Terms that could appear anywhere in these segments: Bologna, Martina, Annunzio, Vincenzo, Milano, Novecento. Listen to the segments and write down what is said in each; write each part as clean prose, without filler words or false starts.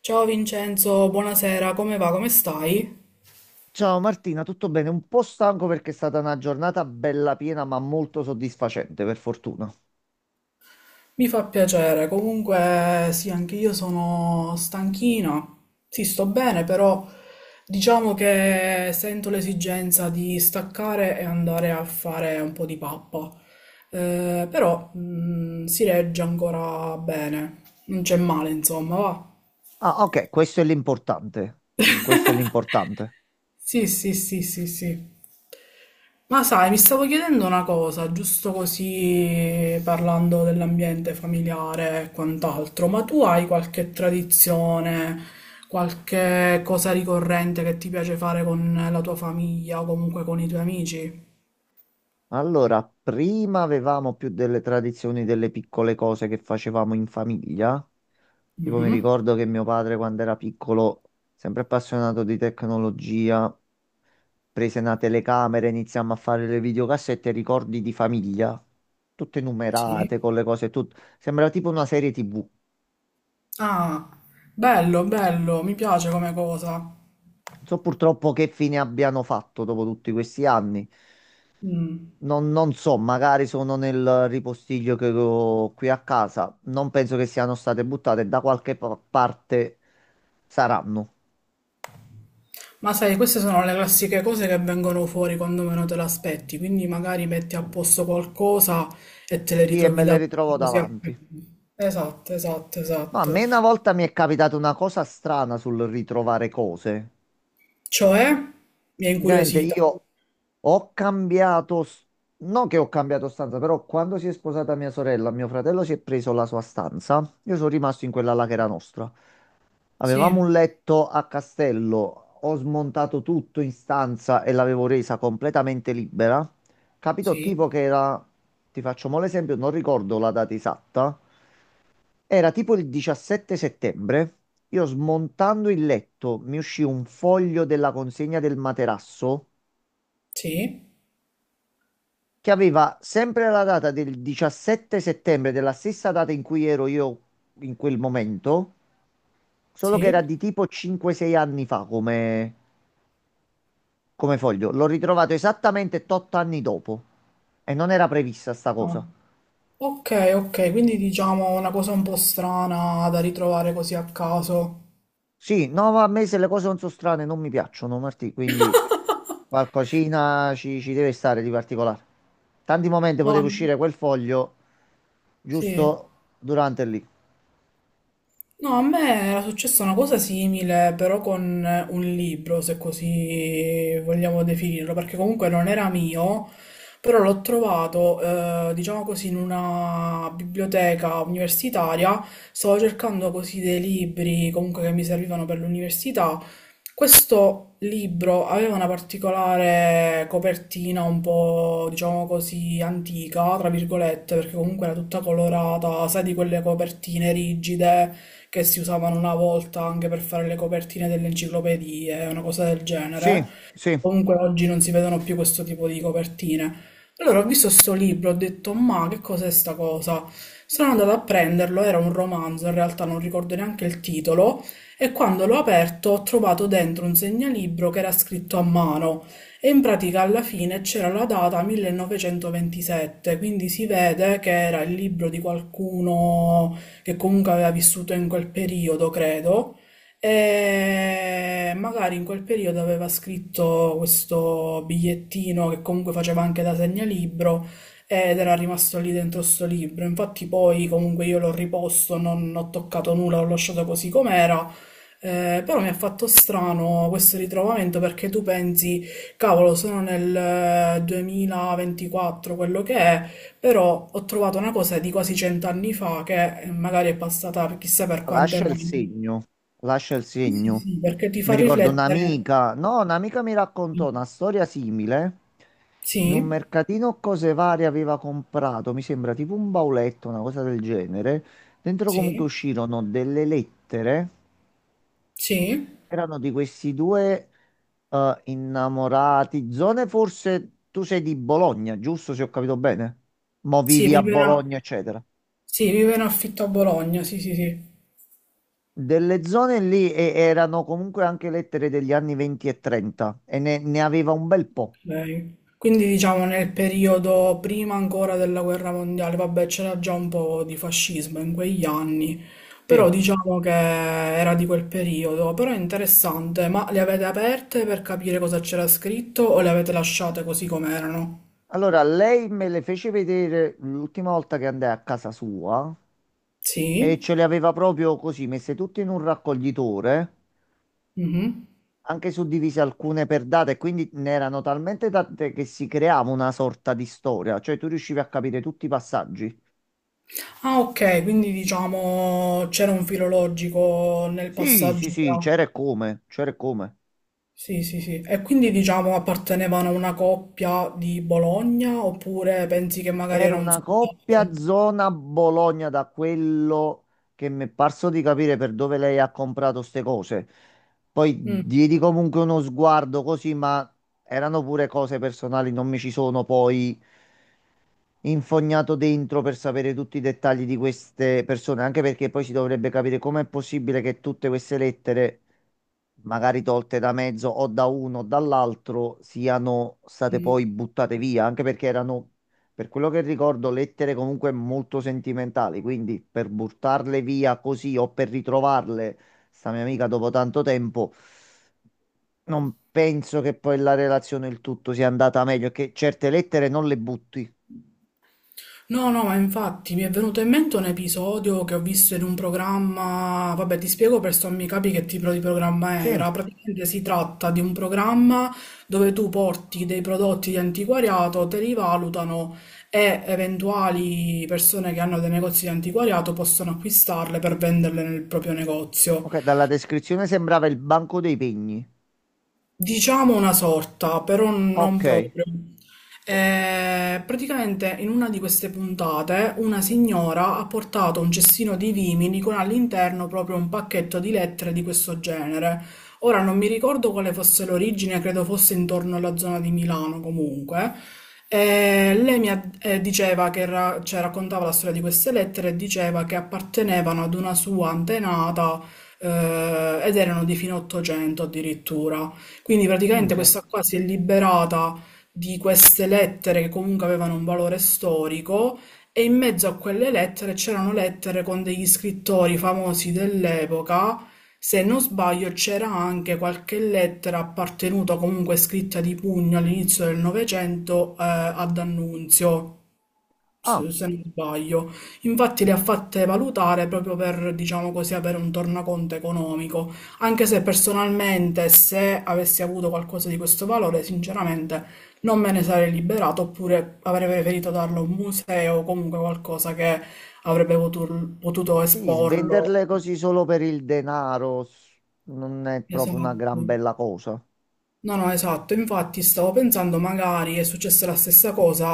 Ciao Vincenzo, buonasera, come va? Come stai? Ciao Martina, tutto bene? Un po' stanco perché è stata una giornata bella piena, ma molto soddisfacente, per fortuna. Mi fa piacere, comunque sì, anche io sono stanchina. Sì, sto bene, però diciamo che sento l'esigenza di staccare e andare a fare un po' di pappa. Però si regge ancora bene, non c'è male, insomma, va. Ah, ok, questo è l'importante. Questo è l'importante. Sì, sì, sì, sì, sì. Ma sai, mi stavo chiedendo una cosa, giusto così parlando dell'ambiente familiare e quant'altro, ma tu hai qualche tradizione, qualche cosa ricorrente che ti piace fare con la tua famiglia o comunque con i tuoi amici? Allora, prima avevamo più delle tradizioni, delle piccole cose che facevamo in famiglia. Tipo, mi Mhm. ricordo che mio padre, quando era piccolo, sempre appassionato di tecnologia, prese una telecamera, iniziamo a fare le videocassette, ricordi di famiglia, tutte Sì. numerate con le cose, sembrava tipo una serie TV. Ah, bello, bello, mi piace come cosa. Non so purtroppo che fine abbiano fatto dopo tutti questi anni. Mm. Non so, magari sono nel ripostiglio che ho qui a casa. Non penso che siano state buttate, da qualche parte saranno. Ma sai, queste sono le classiche cose che vengono fuori quando meno te l'aspetti, quindi magari metti a posto qualcosa e te le Sì, e ritrovi me le davanti ritrovo così a... davanti. Esatto, esatto, No, a me una esatto. volta mi è capitata una cosa strana sul ritrovare cose. Cioè, mi ha Praticamente incuriosita. io ho non che ho cambiato stanza, però quando si è sposata mia sorella, mio fratello si è preso la sua stanza. Io sono rimasto in quella là che era nostra. Avevamo Sì, un letto a castello, ho smontato tutto in stanza e l'avevo resa completamente libera. Capito sì, tipo che era, ti faccio mo' l'esempio, non ricordo la data esatta, era tipo il 17 settembre. Io smontando il letto mi uscì un foglio della consegna del materasso sì, che aveva sempre la data del 17 settembre, della stessa data in cui ero io in quel momento, solo che era sì. di tipo 5-6 anni fa come foglio. L'ho ritrovato esattamente 8 anni dopo e non era prevista sta Ah. cosa. Ok, ok, quindi diciamo una cosa un po' strana da ritrovare così a caso. Sì, no, ma a me se le cose non sono strane non mi piacciono, Martì, quindi qualcosina ci deve stare di particolare. Tanti momenti No, poteva uscire quel foglio sì. giusto durante lì. No, a me era successa una cosa simile, però con un libro, se così vogliamo definirlo, perché comunque non era mio, però l'ho trovato, diciamo così, in una biblioteca universitaria. Stavo cercando così dei libri comunque che mi servivano per l'università. Questo libro aveva una particolare copertina un po', diciamo così, antica, tra virgolette, perché comunque era tutta colorata, sai, di quelle copertine rigide che si usavano una volta anche per fare le copertine delle enciclopedie, una cosa del Sì, genere. sì. Comunque oggi non si vedono più questo tipo di copertine. Allora ho visto sto libro, ho detto, ma che cos'è sta cosa? Sono andata a prenderlo, era un romanzo, in realtà non ricordo neanche il titolo, e quando l'ho aperto ho trovato dentro un segnalibro che era scritto a mano e in pratica alla fine c'era la data 1927, quindi si vede che era il libro di qualcuno che comunque aveva vissuto in quel periodo, credo. E magari in quel periodo aveva scritto questo bigliettino che comunque faceva anche da segnalibro ed era rimasto lì dentro sto libro. Infatti poi comunque io l'ho riposto, non ho toccato nulla, l'ho lasciato così com'era. Però mi ha fatto strano questo ritrovamento perché tu pensi, cavolo, sono nel 2024, quello che è, però ho trovato una cosa di quasi cent'anni fa che magari è passata per chissà No, per quante lascia il mani. segno, lascia il Sì, sì, segno. sì, perché ti Mi fa ricordo riflettere. un'amica, no, un'amica mi raccontò una storia simile. In un Sì, mercatino cose varie aveva comprato, mi sembra tipo un bauletto, una cosa del genere. Dentro comunque sì, uscirono delle lettere. sì, Erano di questi due innamorati. Zone forse tu sei di Bologna, giusto se ho capito bene? Mo sì, vivi a vive in, Bologna, eccetera. sì, vive in affitto a Bologna, sì, sì, sì, Delle zone lì erano comunque anche lettere degli anni 20 e 30 e ne aveva un bel po'. lei. Quindi diciamo nel periodo prima ancora della guerra mondiale, vabbè, c'era già un po' di fascismo in quegli anni, Sì. però diciamo che era di quel periodo, però è interessante, ma le avete aperte per capire cosa c'era scritto o le avete lasciate così com'erano? Allora, lei me le fece vedere l'ultima volta che andai a casa sua e Sì? ce le aveva proprio così, messe tutte in un raccoglitore, Mhm. anche suddivise alcune per date, quindi ne erano talmente tante che si creava una sorta di storia, cioè tu riuscivi a capire tutti i passaggi. Ah, ok, quindi diciamo c'era un filo logico nel Sì, sì, passaggio sì, c'era tra... e come, c'era e come. Sì, sì, sì. E quindi diciamo appartenevano a una coppia di Bologna oppure pensi che magari Era era un una coppia soldato? zona Bologna da quello che mi è parso di capire per dove lei ha comprato ste cose. Poi Mm, diedi comunque uno sguardo così, ma erano pure cose personali, non mi ci sono poi infognato dentro per sapere tutti i dettagli di queste persone, anche perché poi si dovrebbe capire com'è possibile che tutte queste lettere magari tolte da mezzo o da uno o dall'altro, siano state mm. poi buttate via, anche perché erano, per quello che ricordo, lettere comunque molto sentimentali, quindi per buttarle via così o per ritrovarle, sta mia amica dopo tanto tempo, non penso che poi la relazione, il tutto sia andata meglio, che certe lettere non le butti. No, no, ma infatti mi è venuto in mente un episodio che ho visto in un programma, vabbè, ti spiego per sommi capi che tipo di programma Sì, era. Praticamente si tratta di un programma dove tu porti dei prodotti di antiquariato, te li valutano e eventuali persone che hanno dei negozi di antiquariato possono acquistarle per venderle nel proprio negozio. ok, dalla descrizione sembrava il banco dei pegni. Diciamo una sorta, però non Ok, proprio. Praticamente in una di queste puntate una signora ha portato un cestino di vimini con all'interno proprio un pacchetto di lettere di questo genere. Ora non mi ricordo quale fosse l'origine, credo fosse intorno alla zona di Milano comunque. Lei diceva che cioè, raccontava la storia di queste lettere e diceva che appartenevano ad una sua antenata, ed erano di fine 800 addirittura. Quindi praticamente minchia. questa qua si è liberata di queste lettere che comunque avevano un valore storico e in mezzo a quelle lettere c'erano lettere con degli scrittori famosi dell'epoca. Se non sbaglio c'era anche qualche lettera appartenuta comunque scritta di pugno all'inizio del Novecento, ad Annunzio Ah. Se non sbaglio. Infatti le ha fatte valutare proprio per, diciamo così, avere un tornaconto economico, anche se personalmente se avessi avuto qualcosa di questo valore, sinceramente non me ne sarei liberato, oppure avrei preferito darlo a un museo o comunque qualcosa che avrebbe potuto Sì, esporlo. svenderle così solo per il denaro non è proprio una Esatto. gran bella cosa. No, no, esatto, infatti stavo pensando magari è successa la stessa cosa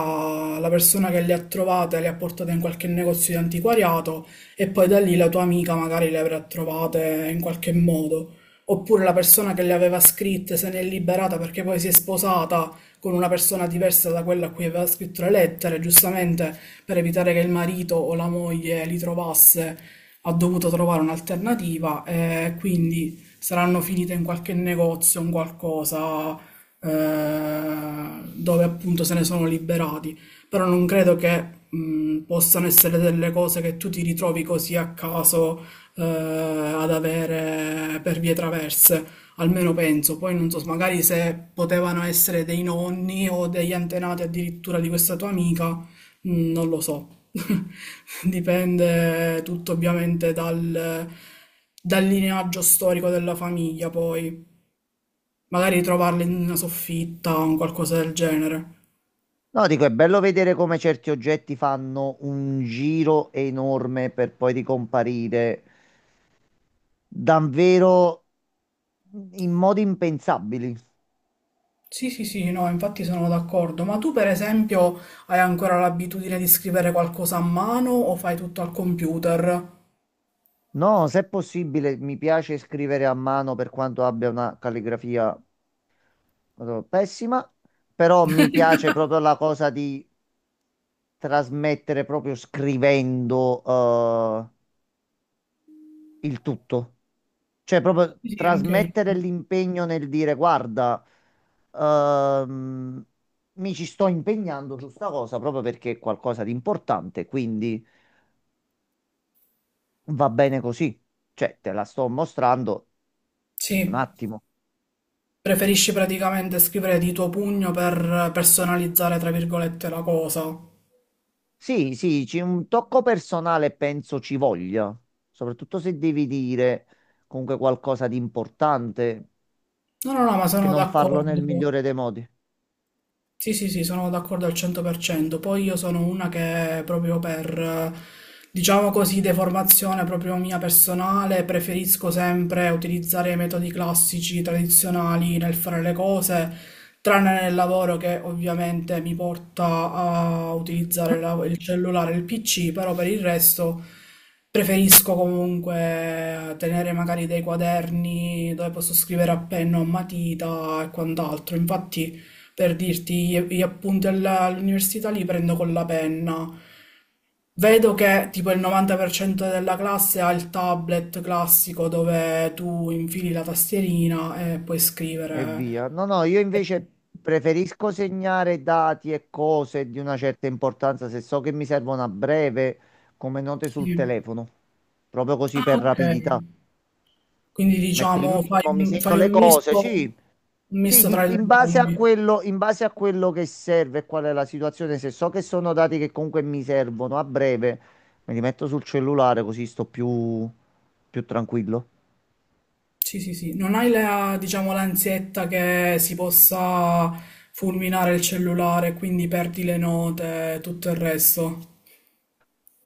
alla persona che le ha trovate, le ha portate in qualche negozio di antiquariato e poi da lì la tua amica magari le avrà trovate in qualche modo. Oppure la persona che le aveva scritte se ne è liberata perché poi si è sposata con una persona diversa da quella a cui aveva scritto le lettere, giustamente per evitare che il marito o la moglie li trovasse ha dovuto trovare un'alternativa e quindi saranno finite in qualche negozio, in qualcosa eh, dove appunto se ne sono liberati. Però non credo che possano essere delle cose che tu ti ritrovi così a caso, ad avere per vie traverse. Almeno penso, poi non so, magari se potevano essere dei nonni o degli antenati addirittura di questa tua amica, Mhmm, non lo so. Dipende tutto ovviamente dal lineaggio storico della famiglia poi. Magari trovarle in una soffitta o un qualcosa del genere. No, dico, è bello vedere come certi oggetti fanno un giro enorme per poi ricomparire davvero in modi impensabili. Sì, sì, sì, no, infatti sono d'accordo. Ma tu per esempio hai ancora l'abitudine di scrivere qualcosa a mano o fai tutto al computer? No, se è possibile, mi piace scrivere a mano per quanto abbia una calligrafia pessima, però mi piace proprio la cosa di trasmettere proprio scrivendo il tutto. Cioè, proprio Sì, sì, anche trasmettere io. l'impegno nel dire, guarda, ehm, mi ci sto impegnando su sta cosa proprio perché è qualcosa di importante, quindi va bene così. Cioè, te la sto mostrando Sì. un attimo. Preferisci praticamente scrivere di tuo pugno per personalizzare, tra virgolette, la cosa. No, Sì, sì, c'è un tocco personale, penso ci voglia, soprattutto se devi dire comunque qualcosa di importante, no, no, ma che sono non farlo nel d'accordo. migliore dei modi. Sì, sì, sì, sono d'accordo al 100%. Poi io sono una che proprio per, diciamo così, deformazione proprio mia personale, preferisco sempre utilizzare i metodi classici, tradizionali nel fare le cose, tranne nel lavoro che ovviamente mi porta a utilizzare il cellulare, il PC, però per il resto preferisco comunque tenere magari dei quaderni dove posso scrivere a penna o matita e quant'altro. Infatti... Per dirti, gli appunti all'università li prendo con la penna. Vedo che tipo il 90% della classe ha il tablet classico dove tu infili la tastierina e puoi E scrivere. via. No, no, io Eh, invece preferisco segnare dati e cose di una certa importanza se so che mi servono a breve come note sul sì. telefono, proprio così Ah, per ok. rapidità. Quindi Metto il diciamo memo, mi segno fai le cose, sì, un sì, misto tra i due in base a mondi. quello, in base a quello che serve e qual è la situazione, se so che sono dati che comunque mi servono a breve, me li metto sul cellulare così sto più tranquillo. Sì, sì, sì, non hai la, diciamo, l'ansietta che si possa fulminare il cellulare, quindi perdi le note e tutto il resto.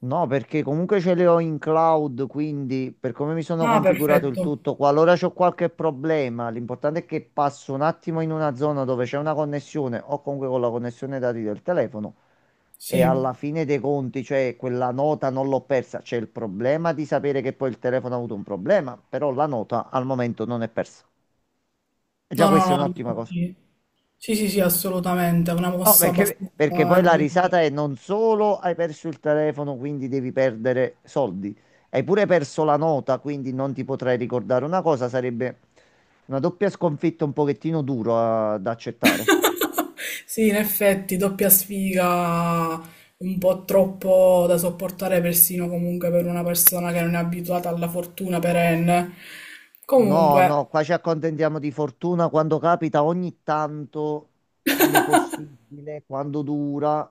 No, perché comunque ce le ho in cloud, quindi per come mi sono Ah, configurato il perfetto. tutto, qualora c'ho qualche problema, l'importante è che passo un attimo in una zona dove c'è una connessione o comunque con la connessione dati del telefono e Sì. alla fine dei conti, cioè quella nota non l'ho persa. C'è il problema di sapere che poi il telefono ha avuto un problema, però la nota al momento non è persa. E già No, no, questa è no, un'ottima cosa. infatti. Sì, sì, sì, assolutamente, è una No, mossa perché, abbastanza perché poi la intelligente. risata è non solo hai perso il telefono, quindi devi perdere soldi, hai pure perso la nota, quindi non ti potrai ricordare. Una cosa sarebbe una doppia sconfitta un pochettino dura da accettare. Sì, in effetti, doppia sfiga un po' troppo da sopportare persino comunque per una persona che non è abituata alla fortuna perenne. No, Comunque, no, qua ci accontentiamo di fortuna quando capita, ogni tanto, quando possibile, quando dura,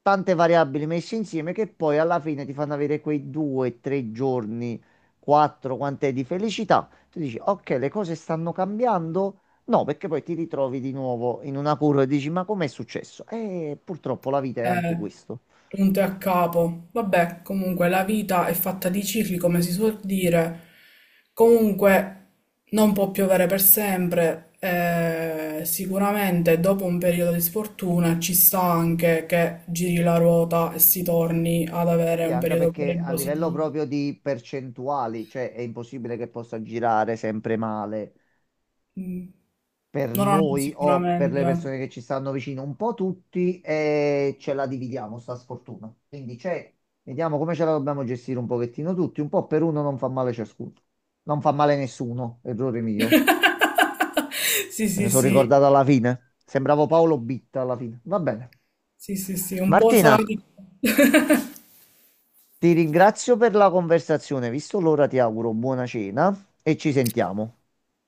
tante variabili messe insieme che poi alla fine ti fanno avere quei due, tre giorni, quattro, quant'è di felicità. Tu dici, ok, le cose stanno cambiando. No, perché poi ti ritrovi di nuovo in una curva e dici, ma com'è successo? E purtroppo la vita è anche Eh, questo. punto e a capo. Vabbè, comunque la vita è fatta di cicli, come si suol dire. Comunque non può piovere per sempre. Sicuramente dopo un periodo di sfortuna ci sta anche che giri la ruota e si torni ad avere Sì, un anche periodo perché pure a livello positivo. proprio di percentuali, cioè è impossibile che possa girare sempre male. Mm. Per No, no, no, noi o per sicuramente. le persone che ci stanno vicino, un po' tutti e ce la dividiamo, sta sfortuna. Quindi c'è, vediamo come ce la dobbiamo gestire un pochettino tutti, un po' per uno non fa male ciascuno. Non fa male nessuno, errore mio. Sì, Me ne sì, sono sì, ricordato alla fine. Sembravo Paolo Bitta alla fine. Va bene. sì, sì, sì, un po' Martina, sadico. ti ringrazio per la conversazione. Visto l'ora, ti auguro buona cena e ci sentiamo.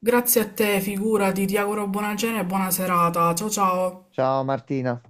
Grazie a te, figurati, ti auguro buona cena e buona serata, ciao ciao! Ciao Martina.